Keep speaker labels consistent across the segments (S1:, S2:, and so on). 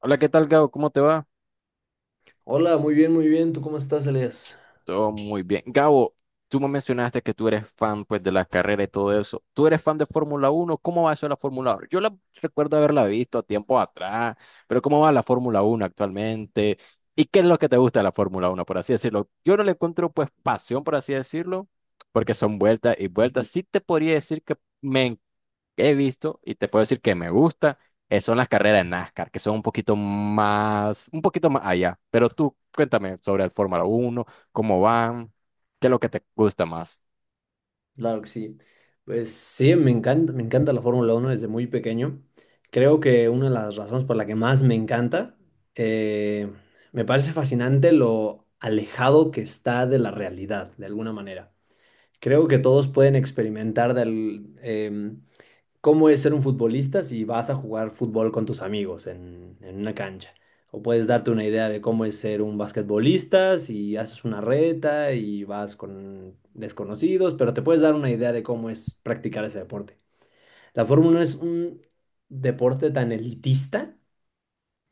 S1: Hola, ¿qué tal, Gabo? ¿Cómo te va?
S2: Hola, muy bien, muy bien. ¿Tú cómo estás, Elias?
S1: Todo muy bien. Gabo, tú me mencionaste que tú eres fan pues de la carrera y todo eso. ¿Tú eres fan de Fórmula Uno? ¿Cómo va eso de la Fórmula Uno? Yo la recuerdo haberla visto a tiempo atrás, pero ¿cómo va la Fórmula Uno actualmente? ¿Y qué es lo que te gusta de la Fórmula Uno, por así decirlo? Yo no le encuentro pues pasión, por así decirlo, porque son vueltas y vueltas. Sí te podría decir que me he visto y te puedo decir que me gusta, son las carreras de NASCAR, que son un poquito más allá. Pero tú cuéntame sobre el Fórmula Uno cómo van, qué es lo que te gusta más.
S2: Claro que sí. Pues sí, me encanta la Fórmula uno desde muy pequeño. Creo que una de las razones por la que más me encanta, eh, me parece fascinante lo alejado que está de la realidad, de alguna manera. Creo que todos pueden experimentar del, cómo es ser un futbolista si vas a jugar fútbol con tus amigos en una cancha. O puedes darte una idea de cómo es ser un basquetbolista si haces una reta y vas con desconocidos, pero te puedes dar una idea de cómo es practicar ese deporte. La Fórmula 1 es un deporte tan elitista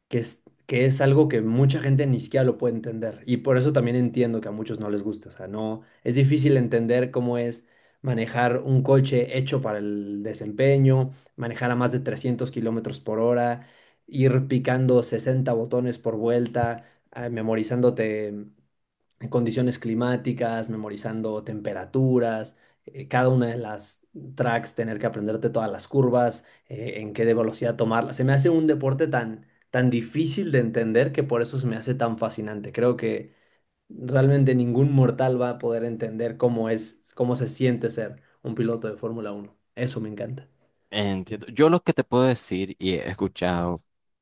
S2: que es algo que mucha gente ni siquiera lo puede entender. Y por eso también entiendo que a muchos no les gusta. O sea, no, es difícil entender cómo es manejar un coche hecho para el desempeño, manejar a más de 300 kilómetros por hora, ir picando 60 botones por vuelta, memorizándote en condiciones climáticas, memorizando temperaturas, cada una de las tracks, tener que aprenderte todas las curvas, en qué de velocidad tomarlas. Se me hace un deporte tan difícil de entender que por eso se me hace tan fascinante. Creo que realmente ningún mortal va a poder entender cómo es, cómo se siente ser un piloto de Fórmula uno. Eso me encanta.
S1: Entiendo. Yo lo que te puedo decir y he escuchado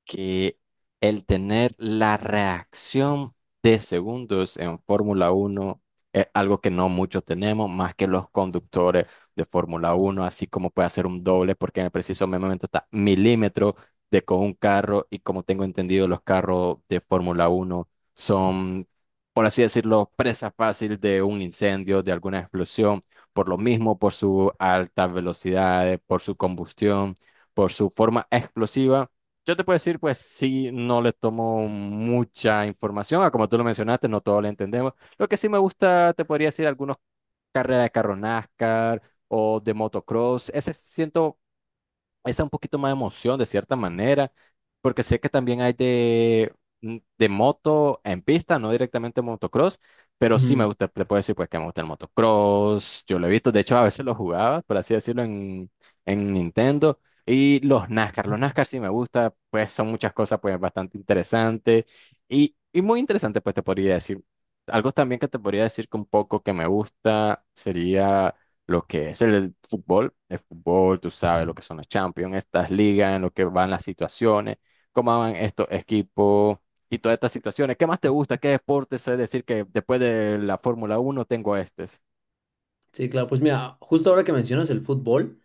S1: que el tener la reacción de segundos en Fórmula Uno es algo que no muchos tenemos, más que los conductores de Fórmula Uno, así como puede hacer un doble, porque en el preciso momento está milímetro de con un carro y como tengo entendido, los carros de Fórmula Uno son, por así decirlo, presa fácil de un incendio, de alguna explosión por lo mismo, por su alta velocidad, por su combustión, por su forma explosiva. Yo te puedo decir, pues sí, no le tomo mucha información, como tú lo mencionaste, no todo lo entendemos. Lo que sí me gusta, te podría decir, algunos carreras de carro NASCAR o de motocross, ese siento esa un poquito más de emoción de cierta manera, porque sé que también hay de, de moto en pista, no directamente motocross, pero sí
S2: Ujú.
S1: me gusta, le puedo decir pues que me gusta el motocross, yo lo he visto, de hecho a veces lo jugaba, por así decirlo, en Nintendo, y los NASCAR sí me gusta, pues son muchas cosas pues bastante interesantes, y muy interesante pues te podría decir, algo también que te podría decir que un poco que me gusta sería lo que es el fútbol, tú sabes lo que son los Champions, estas ligas, en lo que van las situaciones, cómo van estos equipos y todas estas situaciones. ¿Qué más te gusta? ¿Qué deporte? Sé decir que después de la Fórmula Uno tengo este.
S2: Sí, claro, pues mira, justo ahora que mencionas el fútbol,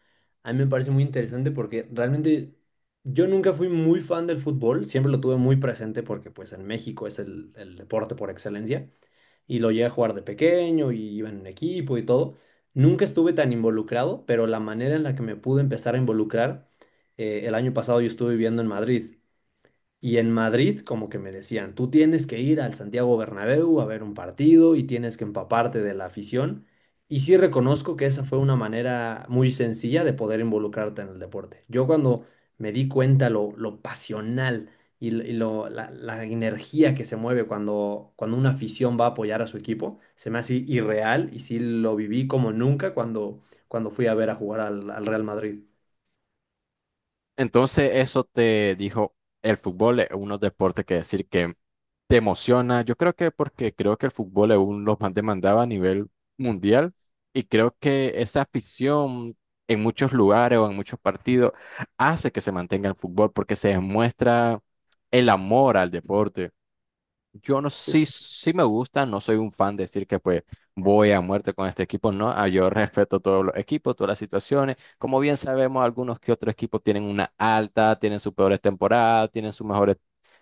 S2: a mí me parece muy interesante porque realmente yo nunca fui muy fan del fútbol, siempre lo tuve muy presente porque pues en México es el deporte por excelencia y lo llegué a jugar de pequeño y iba en un equipo y todo. Nunca estuve tan involucrado, pero la manera en la que me pude empezar a involucrar, el año pasado yo estuve viviendo en Madrid. Y en Madrid, como que me decían, tú tienes que ir al Santiago Bernabéu a ver un partido y tienes que empaparte de la afición. Y sí reconozco que esa fue una manera muy sencilla de poder involucrarte en el deporte. Yo cuando me di cuenta lo pasional y, y lo, la energía que se mueve cuando una afición va a apoyar a su equipo, se me hace irreal y sí lo viví como nunca cuando fui a ver a jugar al Real Madrid.
S1: Entonces, eso te dijo, el fútbol es uno deporte que decir que te emociona. Yo creo que porque creo que el fútbol es uno de los más demandados a nivel mundial y creo que esa afición en muchos lugares o en muchos partidos hace que se mantenga el fútbol porque se demuestra el amor al deporte. Yo no sí, sí me gusta, no soy un fan de decir que pues voy a muerte con este equipo, no, ah, yo respeto todos los equipos, todas las situaciones, como bien sabemos, algunos que otros equipos tienen una alta, tienen sus peores temporadas, tienen sus mejores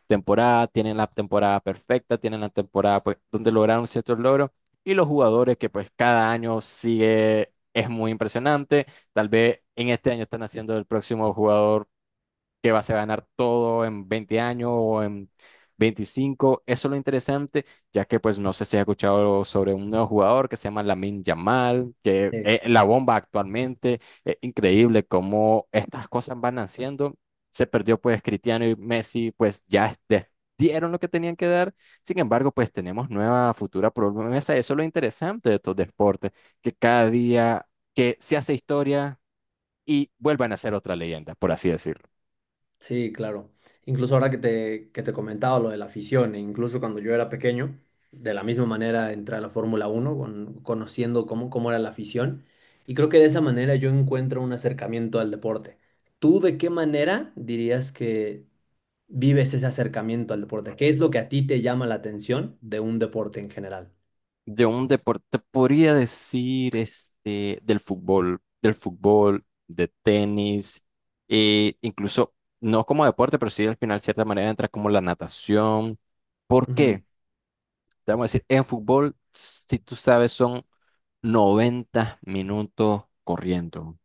S1: temporadas, tienen la temporada perfecta, tienen la temporada pues donde lograron ciertos logros y los jugadores que pues cada año sigue, es muy impresionante, tal vez en este año están haciendo el próximo jugador que vas a ganar todo en 20 años o en 25. Eso es lo interesante, ya que pues no sé si has escuchado sobre un nuevo jugador que se llama Lamine Yamal, que
S2: Sí,
S1: es la bomba actualmente. Es increíble cómo estas cosas van naciendo. Se perdió pues Cristiano y Messi, pues ya dieron lo que tenían que dar. Sin embargo, pues tenemos nueva futura promesa. Eso es lo interesante de estos deportes, que cada día que se hace historia y vuelvan a ser otra leyenda, por así decirlo.
S2: sí, claro. Incluso ahora que te comentaba lo de la afición, e incluso cuando yo era pequeño, de la misma manera entré a la Fórmula Uno conociendo cómo, cómo era la afición, y creo que de esa manera yo encuentro un acercamiento al deporte. ¿Tú de qué manera dirías que vives ese acercamiento al deporte? ¿Qué es lo que a ti te llama la atención de un deporte en general?
S1: De un deporte, podría decir, este, del fútbol, de tenis, e incluso, no como deporte, pero sí al final, de cierta manera, entra como la natación. ¿Por
S2: Ujú,
S1: qué? Te vamos a decir, en fútbol, si tú sabes, son 90 minutos corriendo.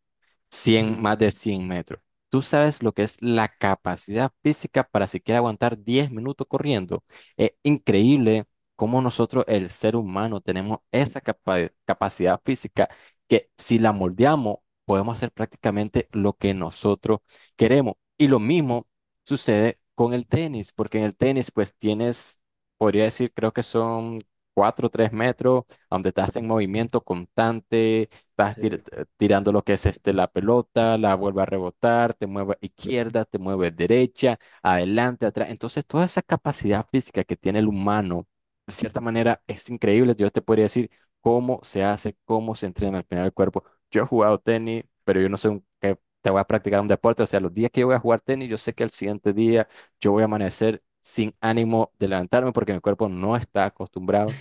S1: 100,
S2: ujú,
S1: más de 100 metros. ¿Tú sabes lo que es la capacidad física para siquiera aguantar 10 minutos corriendo? Es increíble cómo nosotros, el ser humano, tenemos esa capacidad física que si la moldeamos, podemos hacer prácticamente lo que nosotros queremos. Y lo mismo sucede con el tenis, porque en el tenis, pues tienes, podría decir, creo que son 4 o 3 metros, donde estás en movimiento constante. Estás
S2: sí.
S1: tirando lo que es este, la pelota, la vuelve a rebotar, te mueve a izquierda, te mueve derecha, adelante, atrás. Entonces, toda esa capacidad física que tiene el humano, de cierta manera, es increíble. Yo te podría decir cómo se hace, cómo se entrena al final del cuerpo. Yo he jugado tenis, pero yo no sé que te voy a practicar un deporte. O sea, los días que yo voy a jugar tenis, yo sé que al siguiente día yo voy a amanecer sin ánimo de levantarme porque mi cuerpo no está acostumbrado.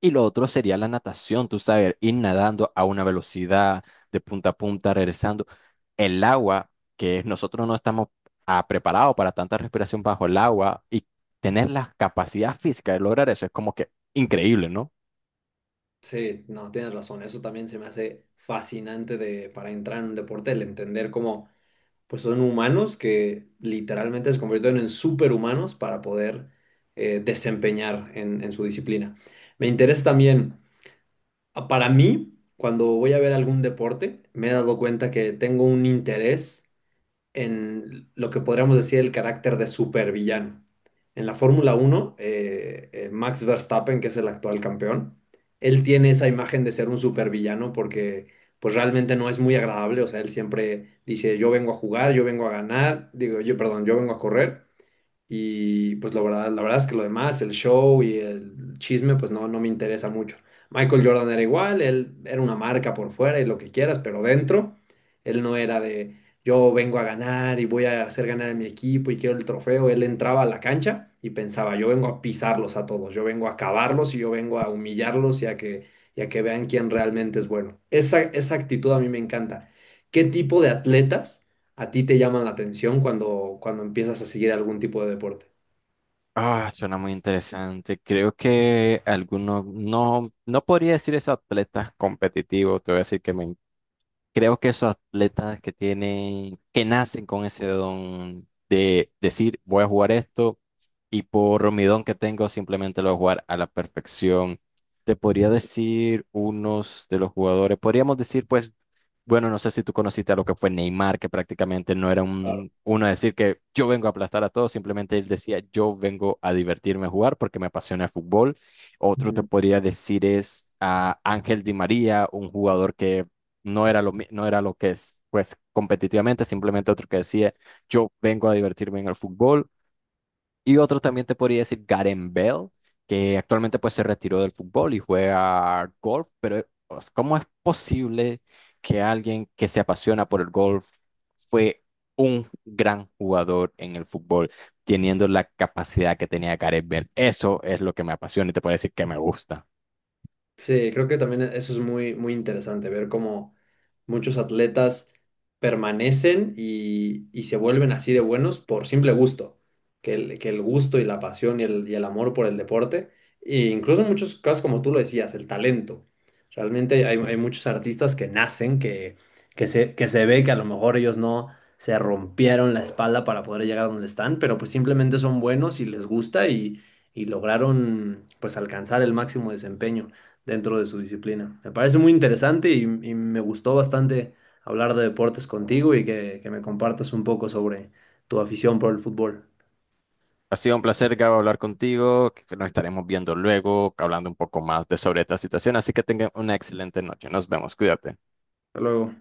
S1: Y lo otro sería la natación, tú sabes, ir nadando a una velocidad de punta a punta, regresando. El agua, que nosotros no estamos preparados para tanta respiración bajo el agua y tener la capacidad física de lograr eso es como que increíble, ¿no?
S2: Sí, no, tienes razón. Eso también se me hace fascinante de, para entrar en un deporte, el entender cómo... pues son humanos que literalmente se convirtieron en superhumanos para poder desempeñar en su disciplina. Me interesa también, para mí, cuando voy a ver algún deporte, me he dado cuenta que tengo un interés en lo que podríamos decir el carácter de supervillano. En la Fórmula uno Max Verstappen, que es el actual campeón, él tiene esa imagen de ser un supervillano porque pues realmente no es muy agradable, o sea, él siempre dice, yo vengo a jugar, yo vengo a ganar, digo, yo, perdón, yo vengo a correr y pues la verdad es que lo demás, el show y el chisme, pues no, no me interesa mucho. Michael Jordan era igual, él era una marca por fuera y lo que quieras, pero dentro, él no era de yo vengo a ganar y voy a hacer ganar a mi equipo y quiero el trofeo. Él entraba a la cancha y pensaba, yo vengo a pisarlos a todos, yo vengo a acabarlos y yo vengo a humillarlos y a que vean quién realmente es bueno. Esa actitud a mí me encanta. ¿Qué tipo de atletas? ¿A ti te llaman la atención cuando empiezas a seguir algún tipo de deporte?
S1: Ah, suena muy interesante. Creo que algunos, no, no podría decir es atletas competitivos, te voy a decir que me. Creo que esos atletas que tienen, que nacen con ese don de decir, voy a jugar esto y por mi don que tengo simplemente lo voy a jugar a la perfección. Te podría decir unos de los jugadores, podríamos decir pues bueno, no sé si tú conociste a lo que fue Neymar, que prácticamente no era
S2: Claro.
S1: uno a decir que yo vengo a aplastar a todos, simplemente él decía yo vengo a divertirme a jugar porque me apasiona el fútbol. Otro te
S2: Ujú.
S1: podría decir es a Ángel Di María, un jugador que no era lo, no era lo que es, pues competitivamente, simplemente otro que decía yo vengo a divertirme en el fútbol. Y otro también te podría decir Garen Bell, que actualmente pues se retiró del fútbol y juega golf, pero pues, ¿cómo es posible que alguien que se apasiona por el golf fue un gran jugador en el fútbol, teniendo la capacidad que tenía Garen Bell? Eso es lo que me apasiona y te puedo decir que me gusta.
S2: Sí, creo que también eso es muy interesante, ver cómo... Muchos atletas permanecen y se vuelven así de buenos por simple gusto, que el gusto y la pasión y el amor por el deporte, e incluso en muchos casos, como tú lo decías, el talento. Realmente hay muchos artistas que nacen, que se ve que a lo mejor ellos no se rompieron la espalda para poder llegar a donde están, pero pues simplemente son buenos y les gusta y lograron pues alcanzar el máximo desempeño dentro de su disciplina. Me parece muy interesante y me gustó bastante hablar de deportes contigo y que me compartas un poco sobre tu afición por el fútbol.
S1: Ha sido un placer, Gabo, hablar contigo, que nos estaremos viendo luego, hablando un poco más de sobre esta situación, así que tengan una excelente noche. Nos vemos, cuídate.
S2: Hasta luego.